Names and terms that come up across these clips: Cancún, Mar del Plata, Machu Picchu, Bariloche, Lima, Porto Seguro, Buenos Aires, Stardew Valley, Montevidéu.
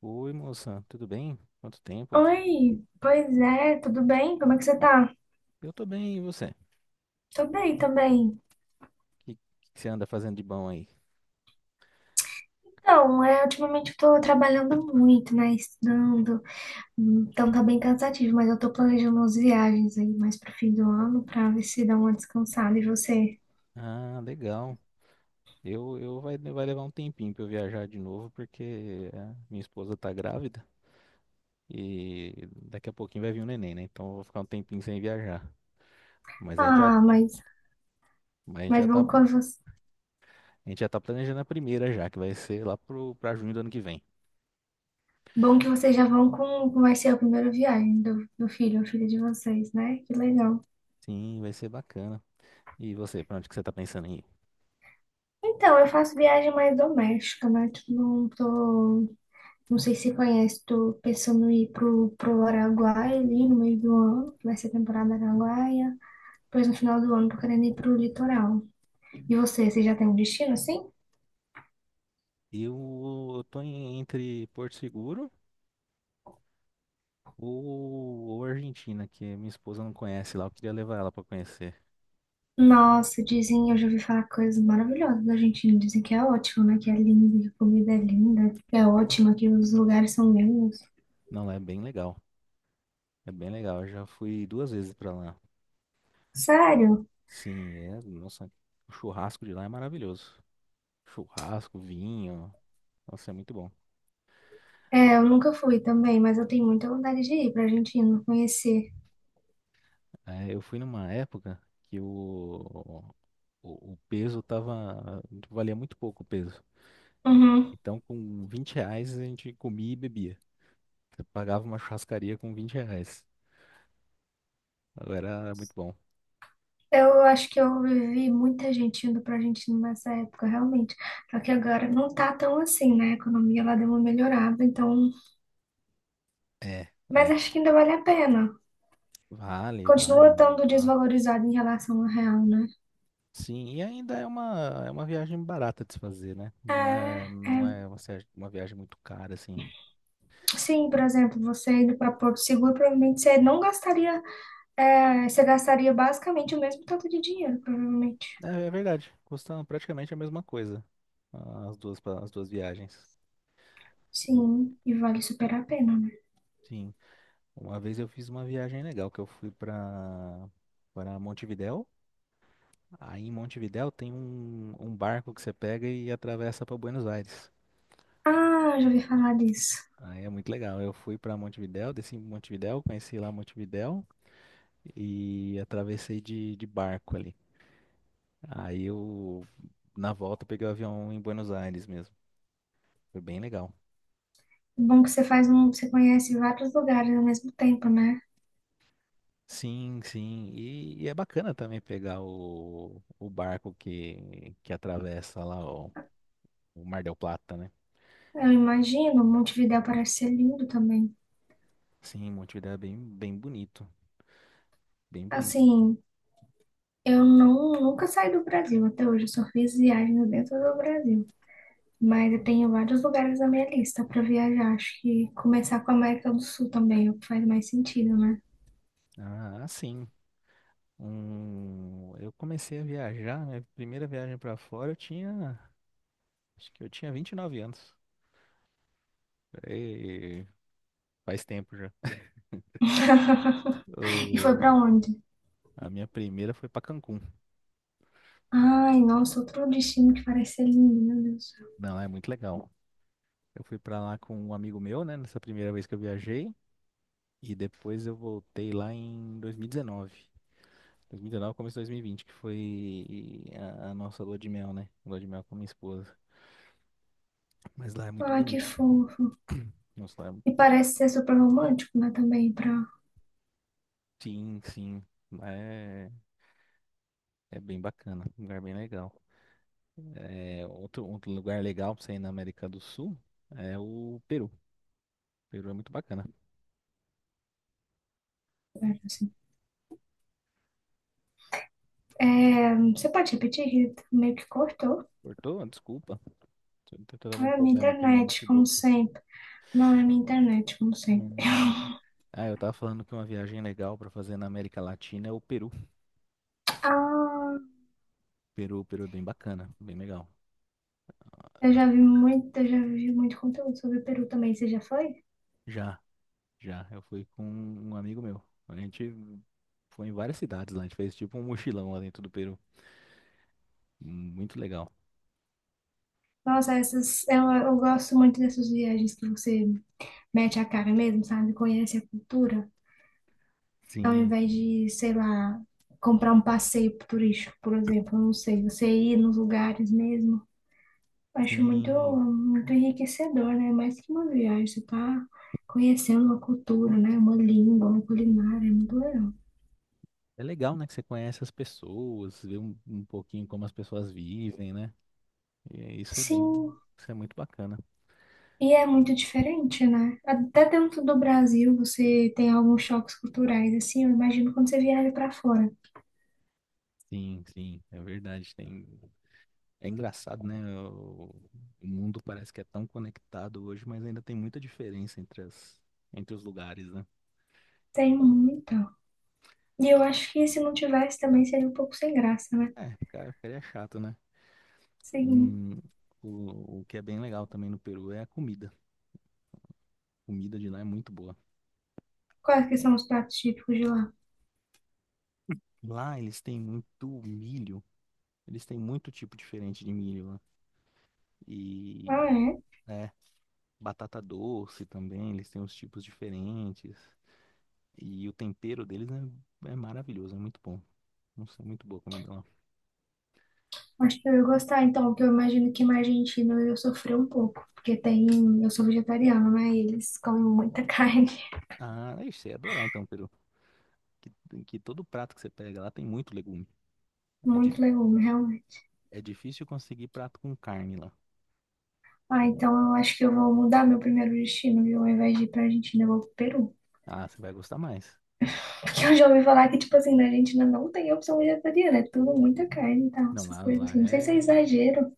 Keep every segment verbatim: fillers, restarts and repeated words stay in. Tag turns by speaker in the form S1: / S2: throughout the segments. S1: Oi, moça, tudo bem? Quanto tempo?
S2: Oi, pois é, tudo bem? Como é que você tá?
S1: Eu tô bem, e você? O
S2: Tô bem também.
S1: que, que você anda fazendo de bom aí?
S2: Então, é, ultimamente eu tô trabalhando muito, né? Estudando, então tá bem cansativo, mas eu tô planejando umas viagens aí mais pro fim do ano pra ver se dá uma descansada. E você?
S1: Ah, legal. Eu, eu vai, vai levar um tempinho pra eu viajar de novo, porque é, minha esposa tá grávida e daqui a pouquinho vai vir um neném, né? Então eu vou ficar um tempinho sem viajar. Mas a gente já,
S2: Ah, mas,
S1: mas a gente
S2: mas
S1: já tá,
S2: bom, quando você-
S1: a gente já tá planejando a primeira já, que vai ser lá pro, pra junho do ano que vem.
S2: bom que vocês já vão com, com vai ser a primeira viagem do, do filho ou filha de vocês, né? Que legal.
S1: Sim, vai ser bacana. E você, pra onde que você tá pensando em ir?
S2: Então, eu faço viagem mais doméstica, né? Tipo, não tô. Não sei se conhece, tô pensando em ir pro, pro Araguaia ali no meio do ano, que vai ser temporada Araguaia. Depois no final do ano tô querendo ir pro litoral. E você, você já tem um destino assim?
S1: Eu, eu tô em- entre Porto Seguro. Ou, ou Argentina, que minha esposa não conhece lá, eu queria levar ela pra conhecer.
S2: Nossa, dizem, eu já ouvi falar coisas maravilhosas da Argentina. Dizem que é ótimo, né? Que é lindo, que a comida é linda, que é ótima, que os lugares são lindos.
S1: Não, lá é bem legal. É bem legal. Eu já fui duas vezes pra lá.
S2: Sério?
S1: Sim, é, nossa, o churrasco de lá é maravilhoso. Churrasco, vinho, nossa, é muito bom.
S2: É, eu nunca fui também, mas eu tenho muita vontade de ir pra Argentina, conhecer.
S1: É, eu fui numa época que o, o, o peso tava, valia muito pouco o peso.
S2: Uhum.
S1: Então, com vinte reais a gente comia e bebia. Você pagava uma churrascaria com vinte reais. Agora era muito bom.
S2: Eu acho que eu vivi muita gente indo para a Argentina nessa época, realmente. Só que agora não tá tão assim, né? A economia lá deu uma melhorada, então.
S1: É,
S2: Mas
S1: é.
S2: acho que ainda vale a pena.
S1: Vale, vai.
S2: Continua estando
S1: ah,
S2: desvalorizado em relação ao real, né?
S1: Sim, e ainda é uma, é uma viagem barata de se fazer, né?
S2: É,
S1: Não é,
S2: é.
S1: não é uma, se- uma viagem muito cara, assim.
S2: Sim, por exemplo, você indo para Porto Seguro, provavelmente você não gastaria. É, você gastaria basicamente o mesmo tanto de dinheiro, provavelmente.
S1: É, é verdade, custam praticamente a mesma coisa, ah, as duas, pa- as duas viagens. O-
S2: Sim, e vale super a pena, né?
S1: sim, uma vez eu fiz uma viagem legal, que eu fui para para Montevidéu. Aí em Montevidéu tem um, um barco que você pega e atravessa para Buenos Aires.
S2: Ah, já ouvi falar disso.
S1: Aí é muito legal. Eu fui para Montevidéu, desci em Montevidéu, conheci lá Montevidéu. E atravessei de, de barco ali. Aí eu, na volta, peguei o avião em Buenos Aires mesmo. Foi bem legal.
S2: Bom que você faz um, você conhece vários lugares ao mesmo tempo, né?
S1: Sim, sim. E e é bacana também pegar o, o barco que, que atravessa lá o, o Mar del Plata, né?
S2: Eu imagino, Montevidéu parece ser lindo também.
S1: Sim, Montevidéu é bem, bem bonito. Bem bonito.
S2: Assim, eu não, nunca saí do Brasil até hoje, eu só fiz viagens dentro do Brasil. Mas eu tenho vários lugares na minha lista para viajar. Acho que começar com a América do Sul também, é o que faz mais sentido, né?
S1: Ah, sim. Um, eu comecei a viajar, minha primeira viagem pra fora, eu tinha, acho que eu tinha vinte e nove anos. E faz tempo já.
S2: E foi para onde?
S1: A minha primeira foi pra Cancún.
S2: Ai, nossa, outro destino que parece ser lindo, meu Deus do céu.
S1: Não, lá é muito legal. Eu fui pra lá com um amigo meu, né, nessa primeira vez que eu viajei, e depois eu voltei lá em dois mil e dezenove. dois mil e dezenove começo de dois mil e vinte, que foi a, a nossa lua de mel, né? Lua de mel com minha esposa. Mas lá é muito
S2: Ai, que
S1: bonito.
S2: fofo.
S1: Nossa, lá
S2: E
S1: é...
S2: parece ser super romântico, né? Também para.
S1: sim, sim. Lá é, é bem bacana, um lugar bem legal. É, outro, outro lugar legal pra você ir na América do Sul é o Peru. O Peru é muito bacana.
S2: Assim. É, você pode repetir? Que meio que cortou.
S1: Cortou? Desculpa. Tô tentando algum
S2: Não é minha
S1: problema aqui no meu
S2: internet, como
S1: notebook.
S2: sempre. Não é minha internet, como
S1: É,
S2: sempre.
S1: né? Ah, eu tava falando que uma viagem legal pra fazer na América Latina é o Peru.
S2: Ah,
S1: Peru, Peru é bem bacana, bem legal. Ah,
S2: eu já
S1: nós-
S2: vi muito, eu já vi muito conteúdo sobre o Peru também. Você já foi?
S1: Já, já, eu fui com um amigo meu. A gente foi em várias cidades lá, a gente fez tipo um mochilão lá dentro do Peru. Muito legal.
S2: Nossa, essas, eu, eu gosto muito dessas viagens que você mete a cara mesmo, sabe? Conhece a cultura, ao
S1: Sim,
S2: invés
S1: sim,
S2: de, sei lá, comprar um passeio turístico, por exemplo. Eu não sei, você ir nos lugares mesmo. Acho muito,
S1: sim.
S2: muito enriquecedor, né? Mais que uma viagem, você tá conhecendo uma cultura, né? Uma língua, uma culinária, é muito legal.
S1: É legal, né, que você conhece as pessoas, vê um, um pouquinho como as pessoas vivem, né? E isso é bem,
S2: Sim,
S1: isso é muito bacana.
S2: e é muito diferente, né? Até dentro do Brasil você tem alguns choques culturais, assim, eu imagino quando você viaja pra fora.
S1: Sim, sim, é verdade. Tem. É engraçado, né? O, o mundo parece que é tão conectado hoje, mas ainda tem muita diferença entre as, entre os lugares, né?
S2: Tem muita. E eu acho que se não tivesse também seria um pouco sem graça, né?
S1: É, cara, ficaria chato, né?
S2: Sim.
S1: Um, o, o que é bem legal também no Peru é a comida. A comida de lá é muito boa.
S2: Quais que são os pratos típicos de lá?
S1: Lá eles têm muito milho. Eles têm muito tipo diferente de milho lá.
S2: Ah,
S1: E,
S2: é?
S1: né, batata doce também, eles têm uns tipos diferentes. E o tempero deles é, é maravilhoso, é muito bom. Nossa, é muito boa a comida lá.
S2: Acho que eu ia gostar, então, porque eu imagino que na Argentina eu ia sofrer um pouco. Porque tem. Eu sou vegetariana, né? E eles comem muita carne,
S1: Ah, aí você ia adorar então, Peru. Que, que todo prato que você pega lá tem muito legume. É, di-
S2: muito legume, realmente.
S1: é difícil conseguir prato com carne lá.
S2: Ah,
S1: Por-
S2: então eu acho que eu vou mudar meu primeiro destino, viu? Ao invés de ir pra Argentina, eu vou pro Peru.
S1: Ah, você vai gostar mais.
S2: Porque eu já ouvi falar que, tipo assim, na Argentina não tem opção vegetariana, é tudo muita carne e tal,
S1: Não,
S2: essas
S1: lá,
S2: coisas
S1: lá
S2: assim. Não sei se é
S1: é,
S2: exagero.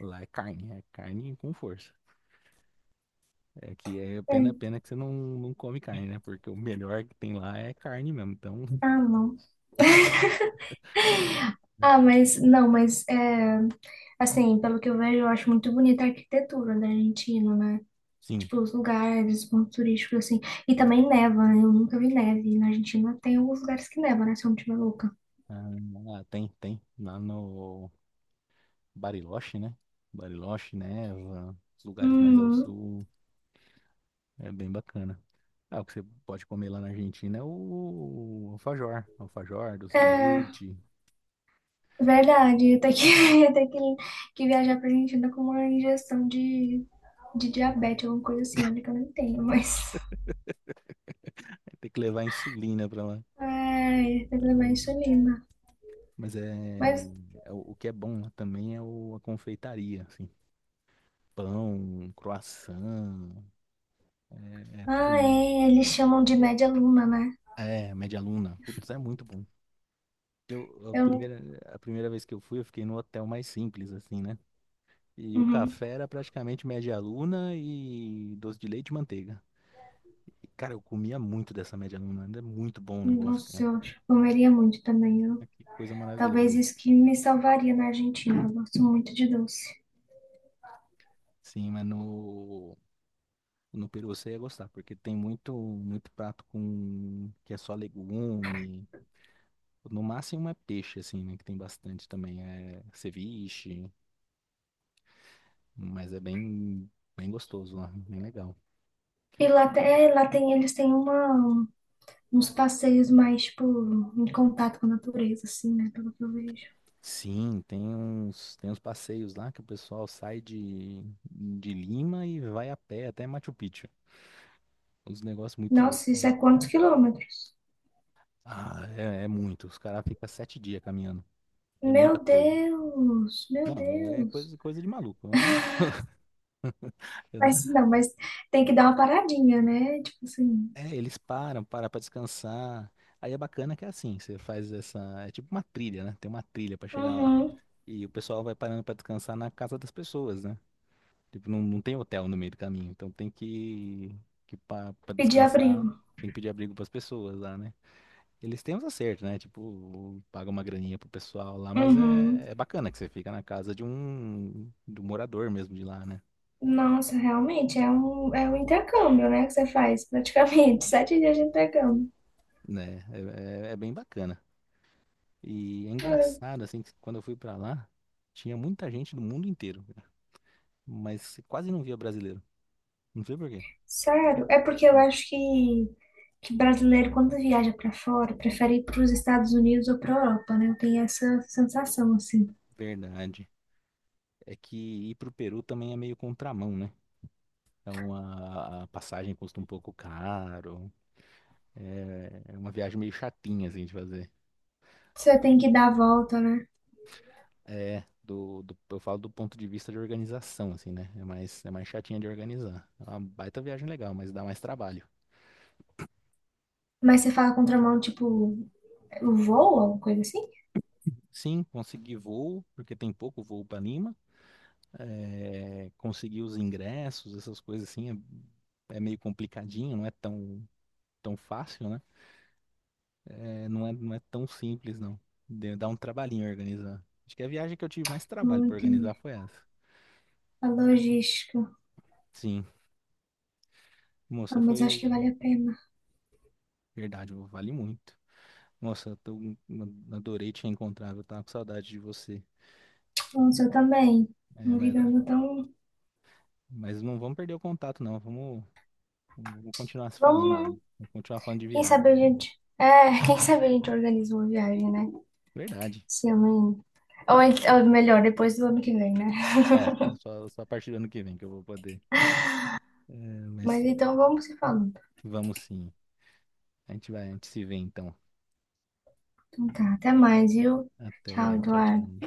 S1: lá é carne, é carne com força. É que é pena,
S2: É.
S1: pena que você não, não come carne, né? Porque o melhor que tem lá é carne mesmo. Então,
S2: Ah, não. Ah, mas não, mas é, assim, pelo que eu vejo, eu acho muito bonita a arquitetura da Argentina, né?
S1: sim.
S2: Tipo, os lugares, os pontos turísticos, assim. E também neva, né? Eu nunca vi neve. Na Argentina tem alguns lugares que neva, né? Se eu não estiver louca.
S1: Ah, tem, tem. Lá no Bariloche, né? Bariloche, Neva, os lugares mais ao
S2: Hum,
S1: sul. É bem bacana. Ah, o que você pode comer lá na Argentina é o alfajor, alfajor, doce de
S2: é,
S1: leite.
S2: verdade, ia ter que, ia ter que, que viajar pra Argentina com uma injeção de, de diabetes, alguma coisa assim, olha que eu não tenho, mas.
S1: É ter que levar insulina pra lá.
S2: Ai, tem que levar
S1: Eu-
S2: insulina.
S1: Mas é,
S2: Mas,
S1: é o o que é bom lá também é o- a confeitaria, assim, pão, croissant, é, é tudo.
S2: ah, é, eles chamam de média luna, né?
S1: É, média luna. Putz, é muito bom. Eu, a
S2: Eu não.
S1: primeira, a primeira vez que eu fui, eu fiquei no hotel mais simples, assim, né? E o
S2: Uhum.
S1: café era praticamente média luna e doce de leite e manteiga. E, cara, eu comia muito dessa média luna. Ainda é muito bom o negócio,
S2: Nossa,
S1: cara.
S2: eu acho que comeria muito também.
S1: Ah,
S2: Eu,
S1: que coisa maravilhosa.
S2: talvez isso que me salvaria na Argentina. Eu gosto muito de doce.
S1: Sim, mas no, no Peru você ia gostar, porque tem muito, muito prato com que é só legume. No máximo é peixe, assim, né? Que tem bastante também. É ceviche, mas é bem, bem gostoso lá, bem legal.
S2: E lá, te- é, lá tem, eles têm uma, uns passeios mais, tipo, em contato com a natureza, assim, né? Pelo que eu vejo.
S1: Sim, tem uns, tem uns passeios lá que o pessoal sai de, de Lima e vai a pé até Machu Picchu. Uns negócios muito loucos.
S2: Nossa, isso é quantos quilômetros?
S1: Ah, é, é muito. Os caras ficam sete dias caminhando. É muita
S2: Meu
S1: coisa.
S2: Deus, meu
S1: Não, é
S2: Deus.
S1: coisa, coisa de maluco. Eu não, eu não-
S2: Mas não, mas tem que dar uma paradinha, né? Tipo assim.
S1: É, eles param, param pra descansar. Aí é bacana que é assim, você faz essa. É tipo uma trilha, né? Tem uma trilha pra chegar lá.
S2: Uhum.
S1: E o pessoal vai parando pra descansar na casa das pessoas, né? Tipo, não, não tem hotel no meio do caminho. Então tem que, que pa- pra
S2: Pedir
S1: descansar,
S2: abrigo.
S1: tem que pedir abrigo pras pessoas lá, né? Eles têm uns acertos, né? Tipo, paga uma graninha pro pessoal lá, mas é,
S2: Uhum.
S1: é bacana que você fica na casa de um, de um morador mesmo de lá, né?
S2: Nossa, realmente é um, é um intercâmbio, né? Que você faz praticamente. Sete dias de intercâmbio.
S1: Né? É, é- é bem bacana. E é
S2: Ah,
S1: engraçado, assim, que quando eu fui pra lá, tinha muita gente do mundo inteiro, cara. Mas você quase não via brasileiro. Não sei por quê.
S2: sério? É porque eu acho que, que brasileiro, quando viaja pra fora, prefere ir pros Estados Unidos ou pra Europa, né? Eu tenho essa sensação, assim.
S1: Verdade. É que ir pro Peru também é meio contramão, né? Então a, a passagem custa um pouco caro. É, é uma viagem meio chatinha, assim, de fazer.
S2: Você tem que dar a volta, né?
S1: É, do, do- eu falo do ponto de vista de organização, assim, né? É mais, é mais chatinha de organizar. É uma baita viagem legal, mas dá mais trabalho.
S2: Mas você fala contramão, tipo, o voo, alguma coisa assim?
S1: Sim, consegui voo, porque tem pouco voo para Lima. É, consegui os ingressos, essas coisas assim, é, é meio complicadinho, não é tão, tão fácil, né? É, não é, não é tão simples, não. Deu- Dá um trabalhinho organizar. Acho que a viagem que eu tive mais trabalho
S2: Não
S1: para
S2: entendi.
S1: organizar foi essa.
S2: A logística.
S1: Sim,
S2: Ah,
S1: moça,
S2: mas acho
S1: foi
S2: que vale a pena.
S1: verdade, vale muito. Nossa, eu tô- Adorei te encontrar, eu tava com saudade de você. Só-
S2: Nossa, eu também.
S1: é,
S2: Uma
S1: mas,
S2: vida não tão.
S1: mas não vamos perder o contato, não. Vamos, vamos continuar se falando
S2: Vamos, né?
S1: aí. Vamos continuar falando de
S2: Quem
S1: viagem.
S2: sabe a
S1: Né?
S2: gente. É, quem sabe a gente organiza uma viagem, né?
S1: Verdade.
S2: Se eu Ou, ent- ou melhor, depois do ano que vem, né?
S1: É, é só, é só a partir do ano que vem que eu vou poder. É,
S2: Mas
S1: mas
S2: então vamos se falando.
S1: vamos sim. A gente vai, a gente se vê então.
S2: Então tá, até mais, viu? Tchau,
S1: Até, tchau,
S2: Eduardo.
S1: tchau.